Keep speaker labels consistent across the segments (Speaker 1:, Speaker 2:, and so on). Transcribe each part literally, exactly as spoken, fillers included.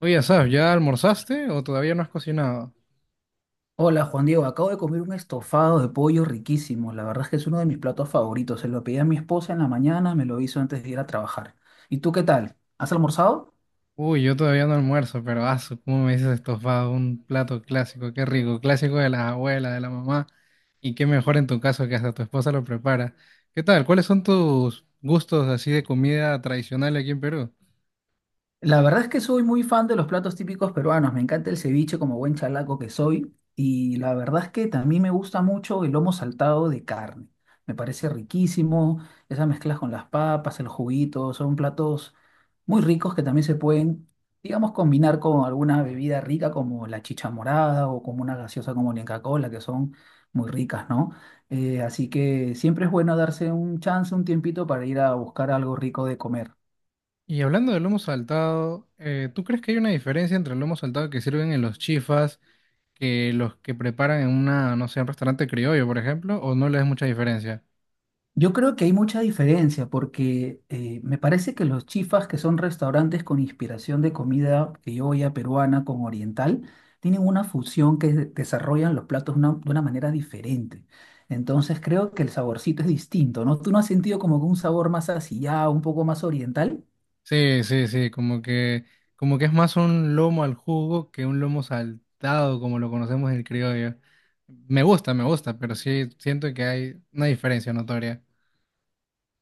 Speaker 1: Oye, Asaf, ¿ya almorzaste o todavía no has cocinado?
Speaker 2: Hola Juan Diego, acabo de comer un estofado de pollo riquísimo. La verdad es que es uno de mis platos favoritos. Se lo pedí a mi esposa en la mañana, me lo hizo antes de ir a trabajar. ¿Y tú qué tal? ¿Has almorzado?
Speaker 1: Uy, yo todavía no almuerzo, pero asu, ¿cómo me dices estofado? Un plato clásico, qué rico, clásico de las abuelas, de la mamá. Y qué mejor en tu caso que hasta tu esposa lo prepara. ¿Qué tal? ¿Cuáles son tus gustos así de comida tradicional aquí en Perú?
Speaker 2: La verdad es que soy muy fan de los platos típicos peruanos. Me encanta el ceviche como buen chalaco que soy. Y la verdad es que también me gusta mucho el lomo saltado de carne. Me parece riquísimo. Esas mezclas con las papas, el juguito, son platos muy ricos que también se pueden, digamos, combinar con alguna bebida rica como la chicha morada o como una gaseosa como la Inca-Cola, que son muy ricas, ¿no? Eh, así que siempre es bueno darse un chance, un tiempito para ir a buscar algo rico de comer.
Speaker 1: Y hablando del lomo saltado, eh, ¿tú crees que hay una diferencia entre el lomo saltado que sirven en los chifas que los que preparan en una, no sé, un restaurante criollo, por ejemplo, o no le ves mucha diferencia?
Speaker 2: Yo creo que hay mucha diferencia porque eh, me parece que los chifas, que son restaurantes con inspiración de comida criolla, peruana, con oriental, tienen una fusión que de- desarrollan los platos una- de una manera diferente. Entonces creo que el saborcito es distinto, ¿no? ¿Tú no has sentido como que un sabor más asillado, un poco más oriental?
Speaker 1: Sí, sí, sí, como que, como que es más un lomo al jugo que un lomo saltado, como lo conocemos en el criollo. Me gusta, me gusta, pero sí siento que hay una diferencia notoria.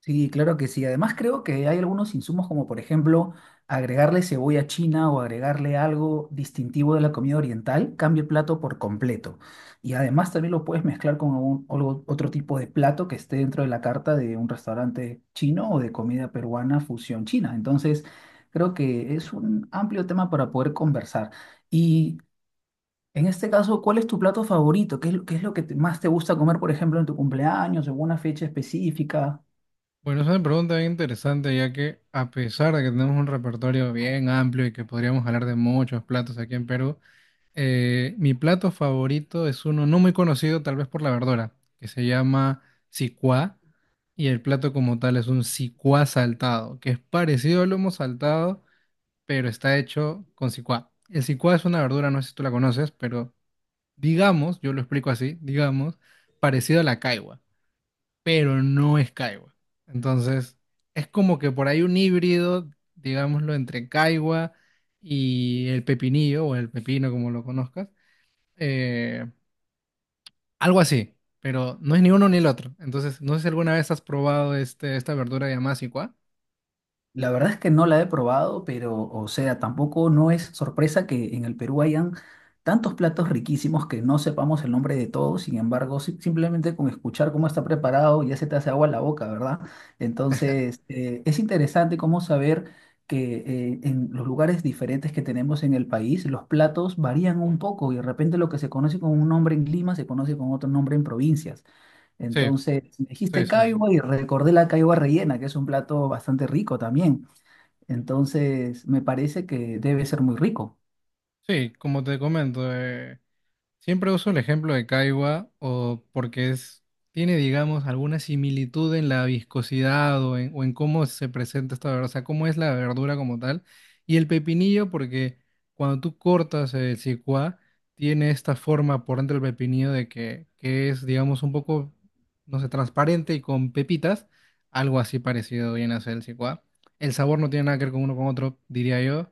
Speaker 2: Sí, claro que sí. Además creo que hay algunos insumos como por ejemplo agregarle cebolla china o agregarle algo distintivo de la comida oriental, cambia el plato por completo. Y además también lo puedes mezclar con algún- algo- otro tipo de plato que esté dentro de la carta de un restaurante chino o de comida peruana fusión china. Entonces creo que es un amplio tema para poder conversar. Y en este caso, ¿cuál es tu plato favorito? ¿Qué es, lo- qué es lo que te- más te gusta comer, por ejemplo, en tu cumpleaños o en una fecha específica?
Speaker 1: Bueno, es una pregunta bien interesante, ya que a pesar de que tenemos un repertorio bien amplio y que podríamos hablar de muchos platos aquí en Perú, eh, mi plato favorito es uno no muy conocido, tal vez por la verdura, que se llama sicuá, y el plato como tal es un sicuá saltado, que es parecido al lomo saltado pero está hecho con cicuá. El cicuá es una verdura, no sé si tú la conoces, pero digamos, yo lo explico así, digamos, parecido a la caigua, pero no es caigua. Entonces, es como que por ahí un híbrido, digámoslo, entre caigua y el pepinillo o el pepino, como lo conozcas, eh, algo así, pero no es ni uno ni el otro. Entonces, no sé si alguna vez has probado este, esta verdura llamada cicuá.
Speaker 2: La verdad es que no la he probado, pero, o sea, tampoco no es sorpresa que en el Perú hayan tantos platos riquísimos que no sepamos el nombre de todos. Sin embargo, si- simplemente con escuchar cómo está preparado ya se te hace agua la boca, ¿verdad? Entonces, eh, es interesante cómo saber que eh, en los lugares diferentes que tenemos en el país, los platos varían un poco y de repente lo que se conoce con un nombre en Lima se conoce con otro nombre en provincias.
Speaker 1: Sí,
Speaker 2: Entonces, me
Speaker 1: sí,
Speaker 2: dijiste
Speaker 1: sí, sí.
Speaker 2: caiba y recordé la caiba rellena, que es un plato bastante rico también. Entonces, me parece que debe ser muy rico.
Speaker 1: Sí, como te comento, eh, siempre uso el ejemplo de Kaiwa o porque es, tiene, digamos, alguna similitud en la viscosidad o en, o en cómo se presenta esta verdura, o sea, cómo es la verdura como tal. Y el pepinillo porque cuando tú cortas el cicuá, tiene esta forma por dentro del pepinillo de que, que es, digamos, un poco, no sé, transparente y con pepitas, algo así parecido viene a ser el cicuá. El sabor no tiene nada que ver con uno con otro, diría yo.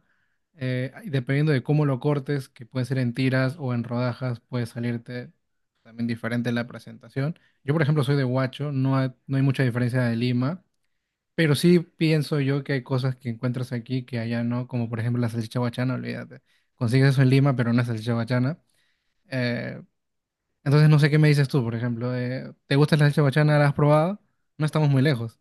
Speaker 1: Eh, y dependiendo de cómo lo cortes, que puede ser en tiras o en rodajas, puede salirte también diferente la presentación. Yo, por ejemplo, soy de Huacho, no hay, no hay mucha diferencia de Lima, pero sí pienso yo que hay cosas que encuentras aquí que allá no, como por ejemplo la salchicha huachana, olvídate. Consigues eso en Lima, pero no es salchicha huachana. Eh, entonces no sé qué me dices tú, por ejemplo. Eh, ¿te gusta la salchicha huachana? ¿La has probado? No estamos muy lejos.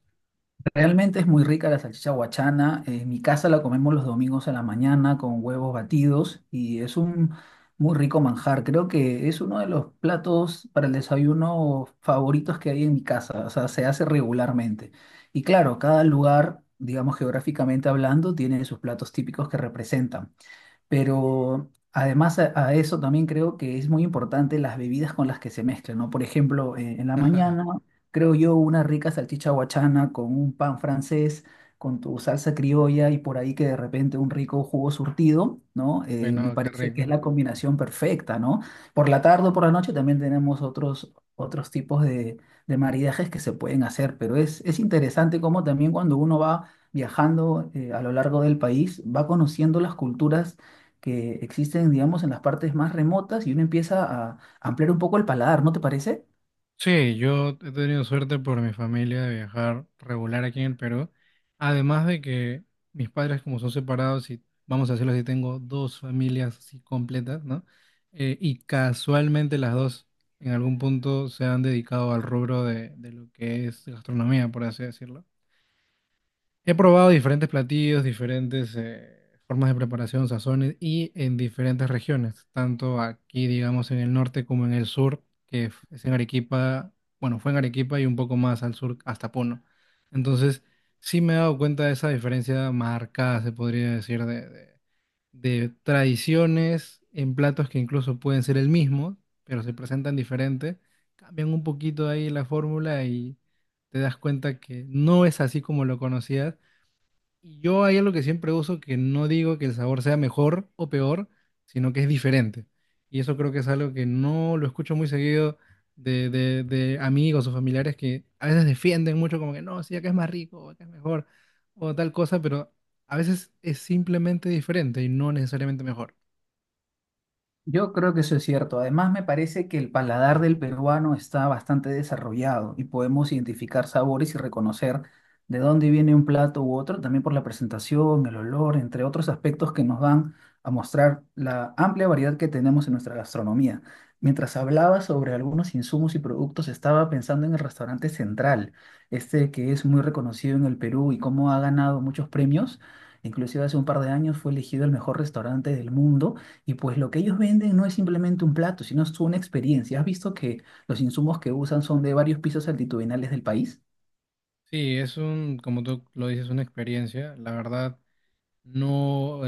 Speaker 2: Realmente es muy rica la salchicha huachana. En mi casa la comemos los domingos a la mañana con huevos batidos y es un muy rico manjar. Creo que es uno de los platos para el desayuno favoritos que hay en mi casa. O sea, se hace regularmente. Y claro, cada lugar, digamos geográficamente hablando, tiene sus platos típicos que representan. Pero además a, a eso también creo que es muy importante las bebidas con las que se mezclan, ¿no? Por ejemplo, eh, en la mañana, creo yo, una rica salchicha guachana con un pan francés, con tu salsa criolla y por ahí que de repente un rico jugo surtido, ¿no? Eh, me
Speaker 1: Bueno, qué
Speaker 2: parece que es
Speaker 1: rico.
Speaker 2: la combinación perfecta, ¿no? Por la tarde o por la noche también tenemos otros, otros tipos de, de maridajes que se pueden hacer, pero es, es interesante cómo también cuando uno va viajando eh, a lo largo del país, va conociendo las culturas que existen, digamos, en las partes más remotas y uno empieza a ampliar un poco el paladar, ¿no te parece?
Speaker 1: Sí, yo he tenido suerte por mi familia de viajar regular aquí en el Perú. Además de que mis padres, como son separados, y vamos a decirlo así, tengo dos familias así completas, ¿no? Eh, y casualmente las dos en algún punto se han dedicado al rubro de, de lo que es gastronomía, por así decirlo. He probado diferentes platillos, diferentes eh, formas de preparación, sazones y en diferentes regiones, tanto aquí, digamos, en el norte como en el sur, que f- es en Arequipa, bueno, fue en Arequipa y un poco más al sur hasta Puno. Entonces, sí me he dado cuenta de esa diferencia marcada, se podría decir, de, de- de tradiciones en platos que incluso pueden ser el mismo, pero se presentan diferente, cambian un poquito ahí la fórmula y te das cuenta que no es así como lo conocías y yo hay algo que siempre uso, que no digo que el sabor sea mejor o peor, sino que es diferente. Y eso creo que es algo que no lo escucho muy seguido de, de- de amigos o familiares que a veces defienden mucho como que no, sí, acá es más rico, o acá es mejor, o tal cosa, pero a veces es simplemente diferente y no necesariamente mejor.
Speaker 2: Yo creo que eso es cierto. Además, me parece que el paladar del peruano está bastante desarrollado y podemos identificar sabores y reconocer de dónde viene un plato u otro, también por la presentación, el olor, entre otros aspectos que nos van a mostrar la amplia variedad que tenemos en nuestra gastronomía. Mientras hablaba sobre algunos insumos y productos, estaba pensando en el restaurante Central, este que es muy reconocido en el Perú y cómo ha ganado muchos premios. Inclusive hace un par de años fue elegido el mejor restaurante del mundo y pues lo que ellos venden no es simplemente un plato, sino es una experiencia. ¿Has visto que los insumos que usan son de varios pisos altitudinales del país?
Speaker 1: Sí, es un, como tú lo dices, una experiencia. La verdad, no,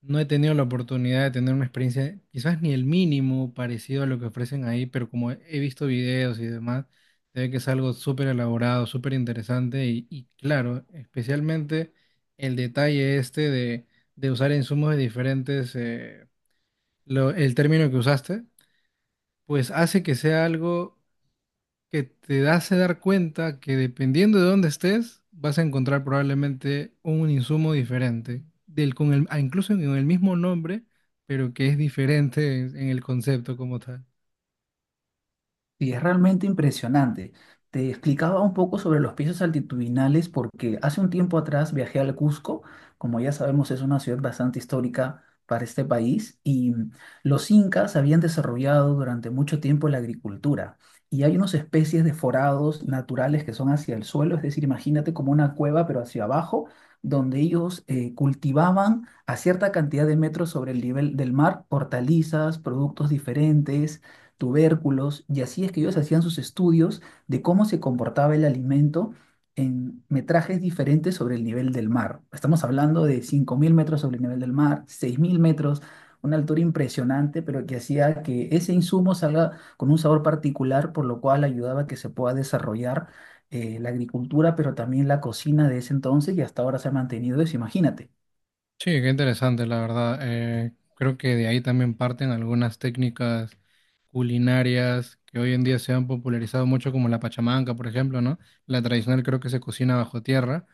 Speaker 1: no he tenido la oportunidad de tener una experiencia, quizás ni el mínimo parecido a lo que ofrecen ahí, pero como he he visto videos y demás, se ve que es algo súper elaborado, súper interesante y, y claro, especialmente el detalle este de, de usar insumos de diferentes, eh, lo- el término que usaste, pues hace que sea algo que te hace dar cuenta que dependiendo de dónde estés, vas a encontrar probablemente un insumo diferente, del, con el, ah, incluso con el mismo nombre, pero que es diferente en, en el concepto como tal.
Speaker 2: Y es realmente impresionante. Te explicaba un poco sobre los pisos altitudinales porque hace un tiempo atrás viajé al Cusco, como ya sabemos es una ciudad bastante histórica para este país, y los incas habían desarrollado durante mucho tiempo la agricultura. Y hay unas especies de forados naturales que son hacia el suelo, es decir, imagínate como una cueva pero hacia abajo, donde ellos eh, cultivaban a cierta cantidad de metros sobre el nivel del mar hortalizas, productos diferentes tubérculos, y así es que ellos hacían sus estudios de cómo se comportaba el alimento en metrajes diferentes sobre el nivel del mar. Estamos hablando de cinco mil metros sobre el nivel del mar, seis mil metros, una altura impresionante, pero que hacía que ese insumo salga con un sabor particular, por lo cual ayudaba a que se pueda desarrollar eh, la agricultura, pero también la cocina de ese entonces y hasta ahora se ha mantenido eso, imagínate.
Speaker 1: Sí, qué interesante, la verdad. Eh, creo que de ahí también parten algunas técnicas culinarias que hoy en día se han popularizado mucho, como la pachamanca, por ejemplo, ¿no? La tradicional creo que se cocina bajo tierra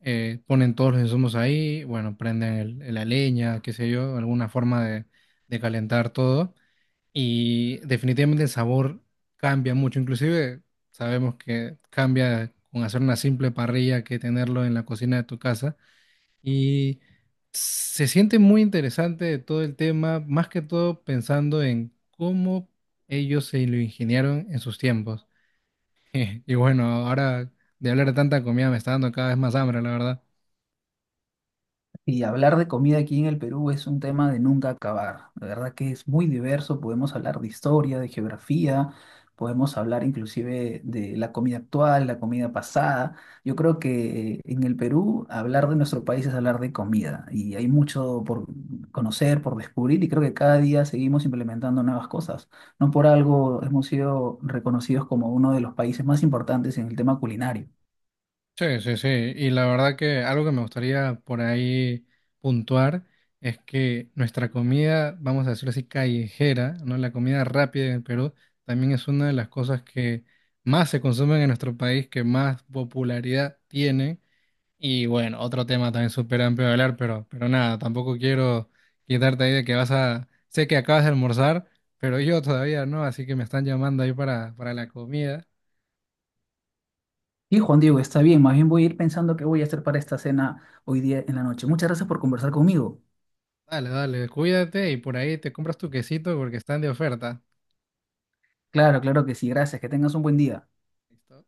Speaker 1: eh, ponen todos los insumos ahí, bueno, prenden el- la leña, qué sé yo, alguna forma de, de calentar todo. Y definitivamente el sabor cambia mucho, inclusive sabemos que cambia con hacer una simple parrilla que tenerlo en la cocina de tu casa. Y se siente muy interesante todo el tema, más que todo pensando en cómo ellos se lo ingeniaron en sus tiempos. Y bueno, ahora de hablar de tanta comida me está dando cada vez más hambre, la verdad.
Speaker 2: Y hablar de comida aquí en el Perú es un tema de nunca acabar. La verdad que es muy diverso, podemos hablar de historia, de geografía, podemos hablar inclusive de la comida actual, la comida pasada. Yo creo que eh, en el Perú hablar de nuestro país es hablar de comida y hay mucho por conocer, por descubrir y creo que cada día seguimos implementando nuevas cosas. No por algo hemos sido reconocidos como uno de los países más importantes en el tema culinario.
Speaker 1: Sí, sí, sí. Y la verdad que algo que me gustaría por ahí puntuar es que nuestra comida, vamos a decirlo así, callejera, ¿no? La comida rápida en Perú también es una de las cosas que más se consumen en nuestro país, que más popularidad tiene. Y bueno, otro tema también súper amplio de hablar, pero, pero nada, tampoco quiero quitarte ahí de que vas a... Sé que acabas de almorzar, pero yo todavía no, así que me están llamando ahí para, para la comida.
Speaker 2: Sí, Juan Diego, está bien, más bien voy a ir pensando qué voy a hacer para esta cena hoy día en la noche. Muchas gracias por conversar conmigo.
Speaker 1: Dale, dale, cuídate y por ahí te compras tu quesito porque están de oferta.
Speaker 2: Claro, claro que sí, gracias, que tengas un buen día.
Speaker 1: ¿Listo?